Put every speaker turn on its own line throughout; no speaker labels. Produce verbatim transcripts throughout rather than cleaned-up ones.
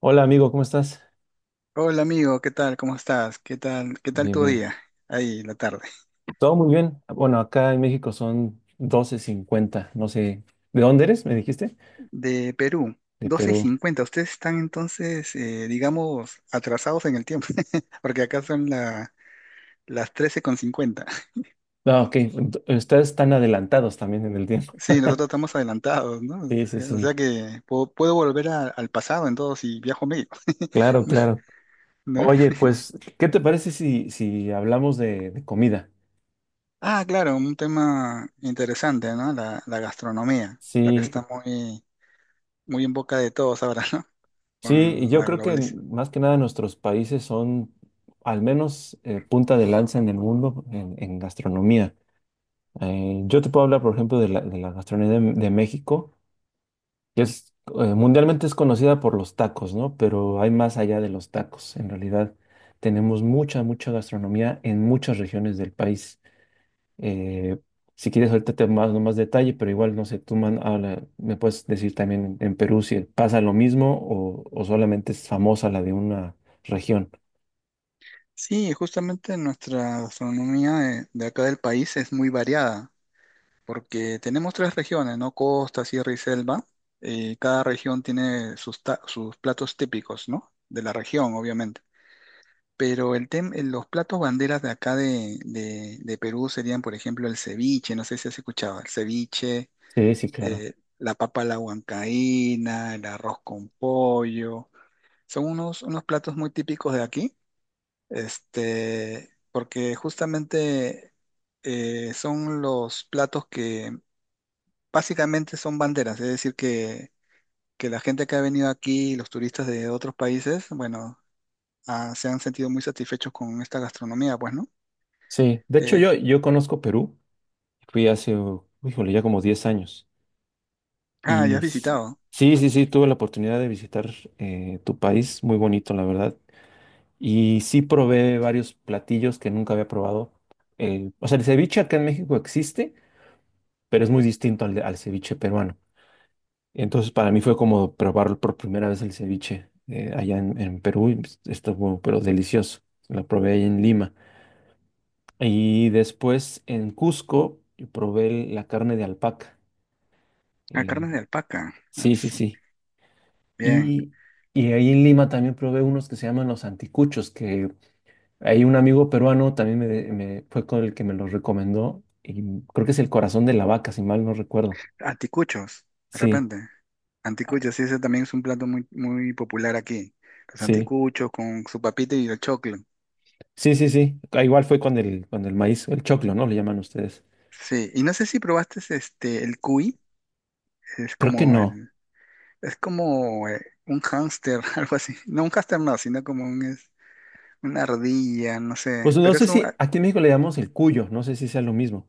Hola amigo, ¿cómo estás?
Hola amigo, ¿qué tal? ¿Cómo estás? ¿Qué tal? ¿Qué tal
Bien,
tu
bien.
día? Ahí, la tarde.
Todo muy bien. Bueno, acá en México son doce cincuenta. No sé, ¿de dónde eres? ¿Me dijiste?
De Perú,
De
doce y
Perú.
cincuenta. Ustedes están entonces, eh, digamos, atrasados en el tiempo, porque acá son la- las trece con cincuenta.
Ah, ok. Ent- Ustedes están adelantados también en el tiempo.
Sí, nosotros estamos adelantados, ¿no?
Sí, sí,
O sea
sí.
que puedo, puedo volver a- al pasado en todo si viajo medio,
Claro, claro.
¿no?
Oye, pues, ¿qué te parece si, si hablamos de, de comida?
Ah, claro, un tema interesante, ¿no? La, la gastronomía, la que
Sí,
está muy, muy en boca de todos ahora, ¿no?
sí, y
Con
yo
la
creo que
globalización.
más que nada nuestros países son al menos eh, punta de lanza en el mundo en, en gastronomía. Eh, yo te puedo hablar, por ejemplo, de la, de la gastronomía de, de México que es eh, mundialmente es conocida por los tacos, ¿no? Pero hay más allá de los tacos. En realidad tenemos mucha, mucha gastronomía en muchas regiones del país. Eh, si quieres, ahorita te mando más detalle, pero igual, no sé, tú man- habla- me puedes decir también en Perú si pasa lo mismo o, o solamente es famosa la de una región.
Sí, justamente nuestra gastronomía de, de acá del país es muy variada, porque tenemos tres regiones, ¿no? Costa, Sierra y Selva. Y cada región tiene sus, ta- sus platos típicos, ¿no? De la región, obviamente. Pero el tem- eh, los platos banderas de acá de, de- de Perú serían, por ejemplo, el ceviche, no sé si has escuchado, el ceviche,
Sí, sí, claro.
eh, la papa a la huancaína, el arroz con pollo. Son unos, unos platos muy típicos de aquí este, porque justamente eh, son los platos que básicamente son banderas, es decir, que, que la gente que ha venido aquí, los turistas de otros países, bueno, ah, se han sentido muy satisfechos con esta gastronomía, pues, ¿no?
Sí, de hecho
Eh,
yo, yo conozco Perú, fui hace, uh, híjole, ya como diez años.
ah, ya
Y
has
sí,
visitado.
sí, sí, sí, tuve la oportunidad de visitar eh, tu país, muy bonito, la verdad. Y sí probé varios platillos que nunca había probado. El- o sea, el ceviche acá en México existe, pero es muy distinto al, de- al ceviche peruano. Entonces, para mí fue como probar por primera vez el ceviche eh, allá en, en Perú. Y, pues, estuvo, pero delicioso. Lo probé ahí en Lima. Y después en Cusco probé la carne de alpaca.
A
Eh,
carnes de alpaca. Ah,
sí, sí,
su-
sí.
Bien.
Y, y ahí en Lima también probé unos que se llaman los anticuchos, que hay un amigo peruano también me, me- fue con el que me los recomendó. Y creo que es el corazón de la vaca, si mal no recuerdo.
Anticuchos, de
Sí.
repente.
Ah,
Anticuchos, sí, ese también es un plato muy, muy popular aquí. Los
sí,
anticuchos con su papita y el choclo.
sí, sí, sí. Ah, igual fue con el, con el maíz, el choclo, ¿no? Le llaman ustedes.
Sí, y no sé si probaste este, el cuy. Es
Creo que
como
no.
el, es como eh, un hámster, algo así. No, un hámster no, sino como un, es, una ardilla, no sé.
Pues no
Pero
sé
es un,
si aquí en México le llamamos el cuyo, no sé si sea lo mismo.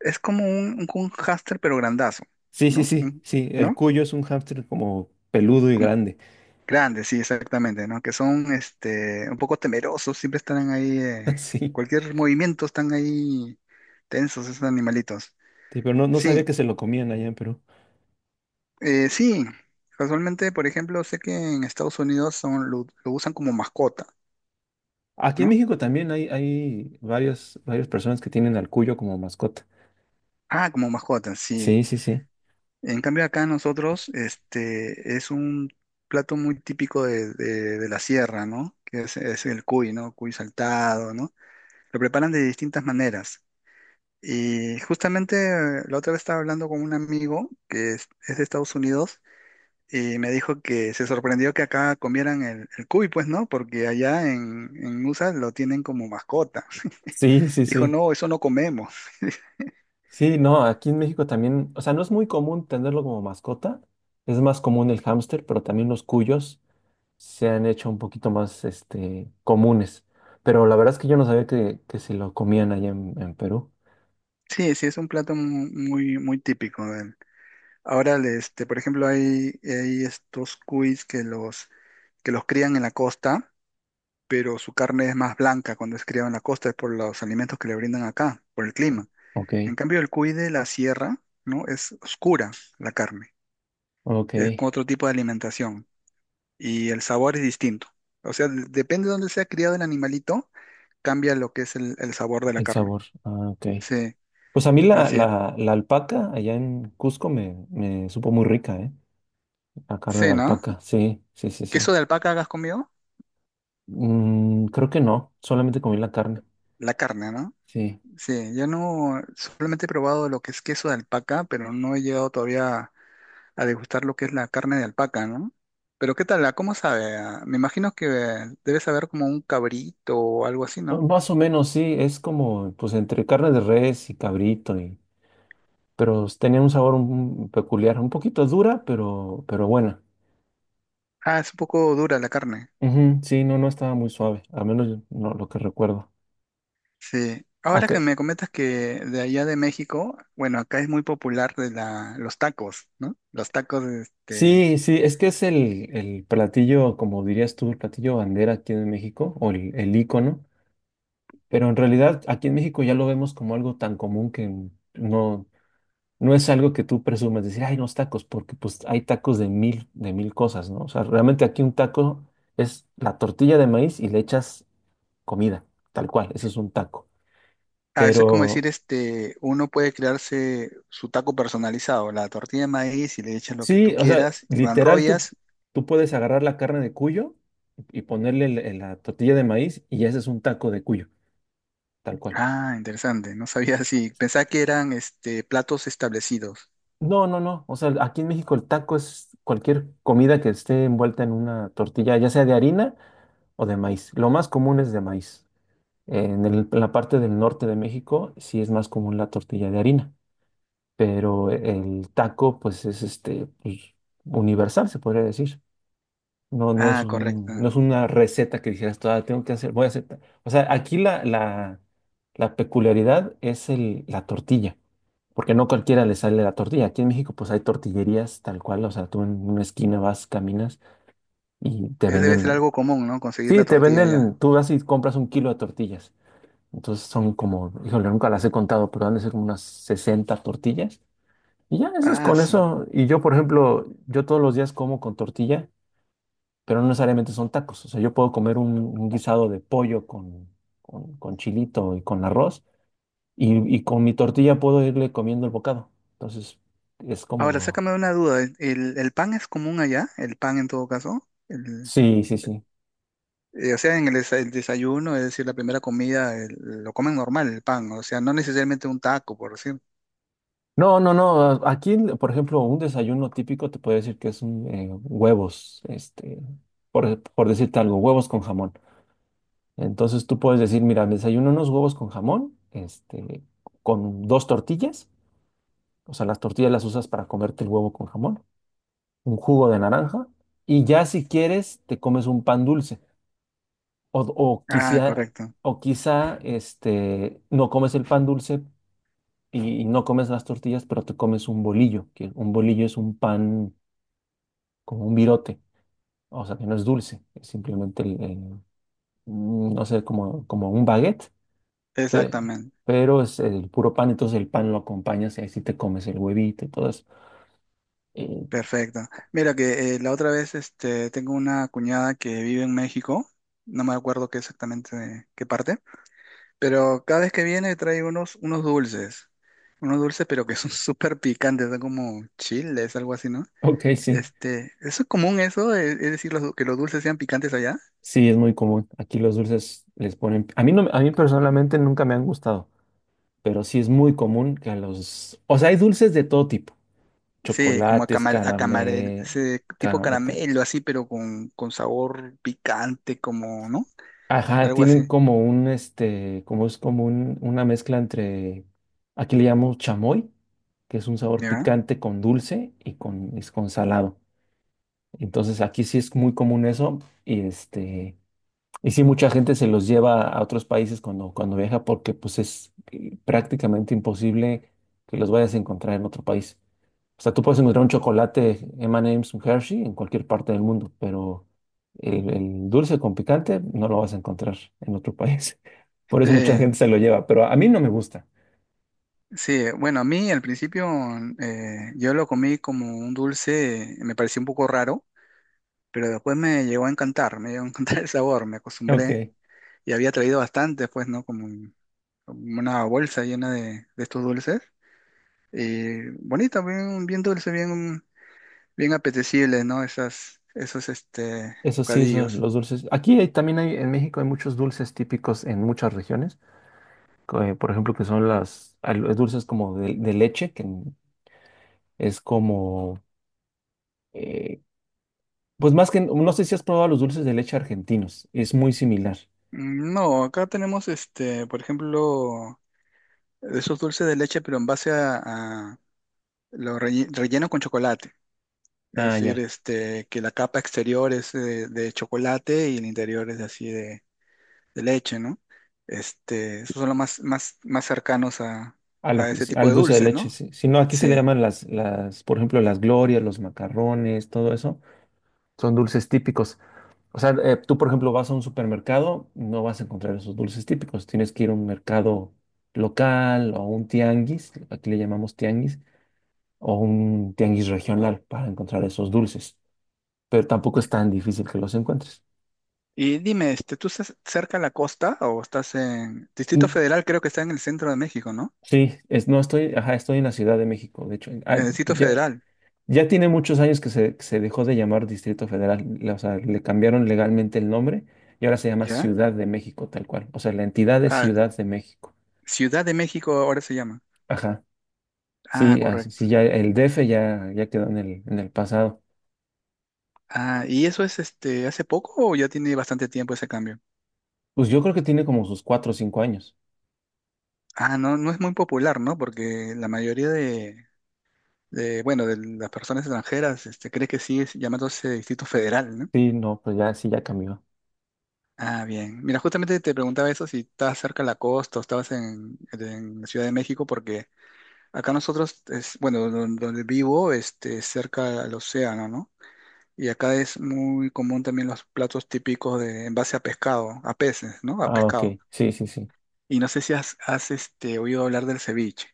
es como un, un, un hámster, pero grandazo,
Sí, sí,
¿no?
sí,
Un-
sí. El
¿No?
cuyo es un hámster como peludo y
Como-
grande.
grande, sí, exactamente, ¿no? Que son este, un poco temerosos, siempre están ahí, eh,
Sí,
cualquier movimiento están ahí tensos esos animalitos.
sí, pero no, no
Sí,
sabía que se lo comían allá en Perú.
eh, sí. Casualmente, por ejemplo, sé que en Estados Unidos son, lo, lo usan como mascota,
Aquí en
¿no?
México también hay, hay varias, varias personas que tienen al cuyo como mascota.
Ah, como mascota, sí.
Sí, sí, sí.
En cambio acá nosotros, este, es un plato muy típico de, de- de la sierra, ¿no? Que es, es el cuy, ¿no? Cuy saltado, ¿no? Lo preparan de distintas maneras. Y justamente eh, la otra vez estaba hablando con un amigo que es, es de Estados Unidos y me dijo que se sorprendió que acá comieran el, el cuy, pues, ¿no? Porque allá en, en U S A lo tienen como mascota.
Sí, sí,
Dijo,
sí.
no, eso no comemos.
Sí, no, aquí en México también, o sea, no es muy común tenerlo como mascota, es más común el hámster, pero también los cuyos se han hecho un poquito más, este, comunes. Pero la verdad es que yo no sabía que, que se lo comían allá en, en Perú.
Sí, sí, es un plato mu- muy, muy típico. Ahora, le- este, por ejemplo, hay, hay estos cuis que los, que los crían en la costa, pero su carne es más blanca cuando es criado en la costa, es por los alimentos que le brindan acá, por el clima.
Ok,
En cambio, el cuy de la sierra, ¿no? Es oscura la carne,
ok.
es con otro tipo de alimentación y el sabor es distinto. O sea, de- depende de dónde sea criado el animalito, cambia lo que es el, el sabor de la
El
carne.
sabor, ah, ok.
Sí,
Pues a mí la,
así es.
la, la alpaca allá en Cusco me, me supo muy rica, ¿eh? La carne de
Sí, ¿no?
alpaca, sí, sí, sí, sí.
¿Queso de alpaca hagas conmigo?
Mm, creo que no, solamente comí la carne.
La carne, ¿no?
Sí.
Sí, yo no, solamente he probado lo que es queso de alpaca, pero no he llegado todavía a degustar lo que es la carne de alpaca, ¿no? Pero ¿qué tal? ¿A ¿Cómo sabe? Ah, me imagino que debe saber como un cabrito o algo así, ¿no?
Más o menos, sí, es como, pues, entre carne de res y cabrito, y, pero tenía un sabor un- peculiar, un poquito dura, pero, pero buena.
Ah, es un poco dura la carne.
Ujú, sí, no, no estaba muy suave, al menos yo- no, lo que recuerdo.
Sí.
Ah,
Ahora que
que-
me comentas que de allá de México, bueno, acá es muy popular de la, los tacos, ¿no? Los tacos, este,
Sí, sí, es que es el, el platillo, como dirías tú, el platillo bandera aquí en México, o el, el ícono, pero en realidad aquí en México ya lo vemos como algo tan común que no. No es algo que tú presumas, decir, ay, unos tacos, porque pues hay tacos de mil, de mil cosas, ¿no? O sea, realmente aquí un taco es la tortilla de maíz y le echas comida, tal cual, eso es un taco.
a veces como decir,
Pero
este, uno puede crearse su taco personalizado, la tortilla de maíz y le echas lo que
sí,
tú
o sea,
quieras, lo
literal, tú,
enrollas.
tú puedes agarrar la carne de cuyo y ponerle el- el- la tortilla de maíz y ese es un taco de cuyo, tal cual.
Ah, interesante. No sabía así. Pensaba que eran este, platos establecidos.
No, no, no, o sea, aquí en México el taco es cualquier comida que esté envuelta en una tortilla, ya sea de harina o de maíz. Lo más común es de maíz. En el- en la parte del norte de México sí es más común la tortilla de harina, pero el taco pues es este pues, universal, se podría decir. No, no es
Ah,
un,
correcto.
no es una receta que dijeras, "Ah, tengo que hacer, voy a hacer. ta-". O sea, aquí la, la, la peculiaridad es el, la tortilla, porque no cualquiera le sale la tortilla. Aquí en México pues hay tortillerías tal cual, o sea, tú en una esquina vas, caminas y te
Es, debe ser
venden,
algo común, ¿no? Conseguir la
sí, te
tortilla ya.
venden, tú vas y compras un kilo de tortillas. Entonces son como, híjole, nunca las he contado, pero han de ser como unas sesenta tortillas. Y ya, eso es
Ah,
con
su.
eso. Y yo, por ejemplo, yo todos los días como con tortilla, pero no necesariamente son tacos. O sea, yo puedo comer un, un guisado de pollo con, con, con chilito y con arroz, y, y con mi tortilla puedo irle comiendo el bocado. Entonces, es
Ahora,
como.
sácame una duda. ¿El, el- el pan es común allá? ¿El pan en todo caso? El-
Sí, sí, sí.
eh, o sea, en el, desa- el desayuno, es decir, la primera comida, el- lo comen normal el pan. O sea, no necesariamente un taco, por decir.
No, no, no. a- Aquí, por ejemplo, un desayuno típico te puede decir que es un, eh, huevos, este, por, por decirte algo, huevos con jamón. Entonces tú puedes decir, mira, me desayuno unos huevos con jamón, este, con dos tortillas, o sea, las tortillas las usas para comerte el huevo con jamón, un jugo de naranja, y ya si quieres te comes un pan dulce, o, o
Ah,
quizá,
correcto.
o quizá, este, no comes el pan dulce y, y no comes las tortillas, pero te comes un bolillo, que un bolillo es un pan como un virote, o sea, que no es dulce, es simplemente, el- el, mm, no sé, como, como un baguette. Pe-
Exactamente.
pero es el puro pan, entonces el pan lo acompañas y ahí sí te comes el huevito y todo eso. Eh,
Perfecto. Mira que eh, la otra vez este, tengo una cuñada que vive en México. No me acuerdo qué exactamente qué parte. Pero cada vez que viene trae unos, unos dulces. Unos dulces, pero que son súper picantes, son como chiles, algo así, ¿no?
ok, sí,
Este, ¿eso es común eso? ¿Es, es decir, los- que los dulces sean picantes allá?
sí, es muy común. Aquí los dulces les ponen. A mí, no, me- a mí personalmente nunca me han gustado, pero sí es muy común que a los. O sea, hay dulces de todo tipo.
Sí, como a
Chocolates,
camar, a camarel,
caramel.
ese tipo
ca- ca-
caramelo así, pero con, con sabor picante, como, ¿no?
Ajá,
Algo
tienen
así,
como un, este, como es como un- una mezcla entre. Aquí le llamamos chamoy, que es un sabor
¿ya?
picante con dulce y con, es con salado. Entonces aquí sí es muy común eso y este y sí mucha gente se los lleva a otros países cuando cuando viaja porque pues es eh, prácticamente imposible que los vayas a encontrar en otro país. O sea, tú puedes encontrar un chocolate eme y eme's, un Hershey en cualquier parte del mundo, pero el, el dulce con picante no lo vas a encontrar en otro país. Por eso mucha
Eh,
gente se lo lleva, pero a mí no me gusta.
sí, bueno, a mí al principio eh, yo lo comí como un dulce, me pareció un poco raro, pero después me llegó a encantar, me llegó a encantar el sabor, me acostumbré.
Ok,
Y había traído bastante, pues, ¿no? Como, un- como una bolsa llena de, de estos dulces. Y bonita, bien, bien dulce, bien, bien apetecible, ¿no? Esas, esos, este,
eso sí, eso,
bocadillos.
los dulces. Aquí hay- también hay, en México hay muchos dulces típicos en muchas regiones. Eh, por ejemplo, que son las al- dulces como de, de leche, que es como, eh, pues más que, no sé si has probado los dulces de leche argentinos, es muy similar.
Mm, no, acá tenemos, este, por ejemplo, esos dulces de leche, pero en base a, a lo relle- relleno con chocolate. Es
Ah,
decir,
ya.
este, que la capa exterior es eh, de chocolate y el interior es así de, de leche, ¿no? Este, esos son los más, más, más cercanos a,
a lo
a
que,
ese tipo
al
de
dulce de
dulces, ¿no?
leche, sí. Si no, aquí se le
Sí.
llaman las, las, por ejemplo, las glorias, los macarrones, todo eso, son dulces típicos. O sea, eh, tú, por ejemplo, vas a un supermercado, no vas a encontrar esos dulces típicos, tienes que ir a un mercado local o a un tianguis, aquí le llamamos tianguis o un tianguis regional para encontrar esos dulces, pero tampoco es tan difícil que los encuentres.
Y dime, este, ¿tú estás cerca a la costa o estás en Distrito
Mm,
Federal? Creo que está en el centro de México, ¿no?
sí, es, no estoy, ajá, estoy en la Ciudad de México, de hecho, en-
En
ah,
el Distrito
ya,
Federal,
ya tiene muchos años que se, que se dejó de llamar Distrito Federal, la- o sea, le cambiaron legalmente el nombre y ahora se llama
¿ya?
Ciudad de México, tal cual, o sea, la entidad es
Ah,
Ciudad de México,
Ciudad de México ahora se llama.
ajá,
Ah,
sí, así,
correcto.
sí, ya el D F ya, ya quedó en el, en el pasado,
Ah, ¿y eso es este hace poco o ya tiene bastante tiempo ese cambio?
pues yo creo que tiene como sus cuatro o cinco años,
Ah, no, no es muy popular, ¿no? Porque la mayoría de, de, bueno, de las personas extranjeras este, cree que sigue llamándose Distrito Federal, ¿no?
sí, no, pues ya, sí, ya cambió,
Ah, bien. Mira, justamente te preguntaba eso, si estabas cerca de la costa o estabas en, en la Ciudad de México, porque acá nosotros, es, bueno, don- donde vivo, este, es cerca al océano, ¿no? Y acá es muy común también los platos típicos de, en base a pescado, a peces, ¿no? A
ah, ok,
pescado.
sí, sí, sí.
Y no sé si has, has, este, oído hablar del ceviche,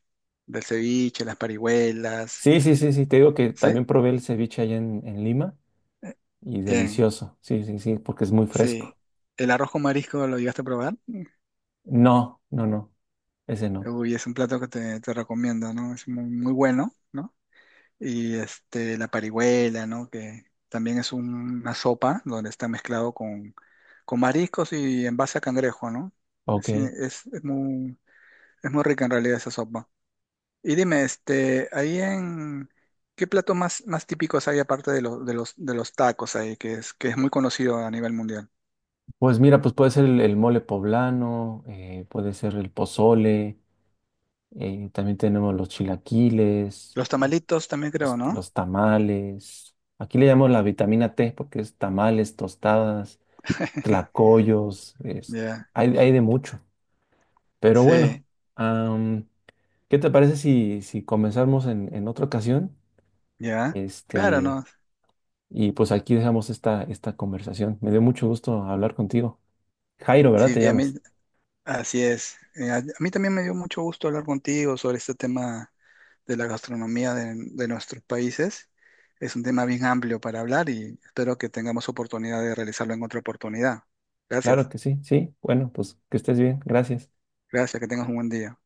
del ceviche, las parihuelas,
Sí, sí, sí, sí, te digo que
¿sí?
también probé el ceviche allá en, en Lima y
Bien,
delicioso. Sí, sí, sí, porque es muy
sí.
fresco.
¿El arroz con marisco lo llegaste a probar?
No, no, no, ese no.
Uy, es un plato que te, te recomiendo, ¿no? Es muy, muy bueno, ¿no? Y este, la parihuela, ¿no? Que también es un- una sopa donde está mezclado con, con mariscos y en base a cangrejo, ¿no? Es,
Ok.
es- es muy, es muy rica en realidad esa sopa. Y dime, este, ahí en, ¿qué platos más, más típicos hay aparte de, los de los, de los tacos ahí, que es, que es muy conocido a nivel mundial?
Pues mira, pues puede ser el, el mole poblano, eh, puede ser el pozole, eh, también tenemos los chilaquiles,
Los tamalitos también creo,
los,
¿no?
los tamales. Aquí le llamamos la vitamina T porque es tamales, tostadas, tlacoyos, es-
Ya,
hay, hay de mucho. Pero bueno,
sí,
¿qué te parece si, si comenzamos en, en otra ocasión?
ya. Claro,
Este,
¿no?
y pues aquí dejamos esta, esta conversación. Me dio mucho gusto hablar contigo. Jairo, ¿verdad?
Sí,
Te
a mí.
llamas.
Así es. Eh, a, a mí también me dio mucho gusto hablar contigo sobre este tema de la gastronomía de, de nuestros países. Es un tema bien amplio para hablar y espero que tengamos oportunidad de realizarlo en otra oportunidad.
Claro
Gracias.
que sí, sí. Bueno, pues que estés bien. Gracias.
Gracias, que tengas un buen día.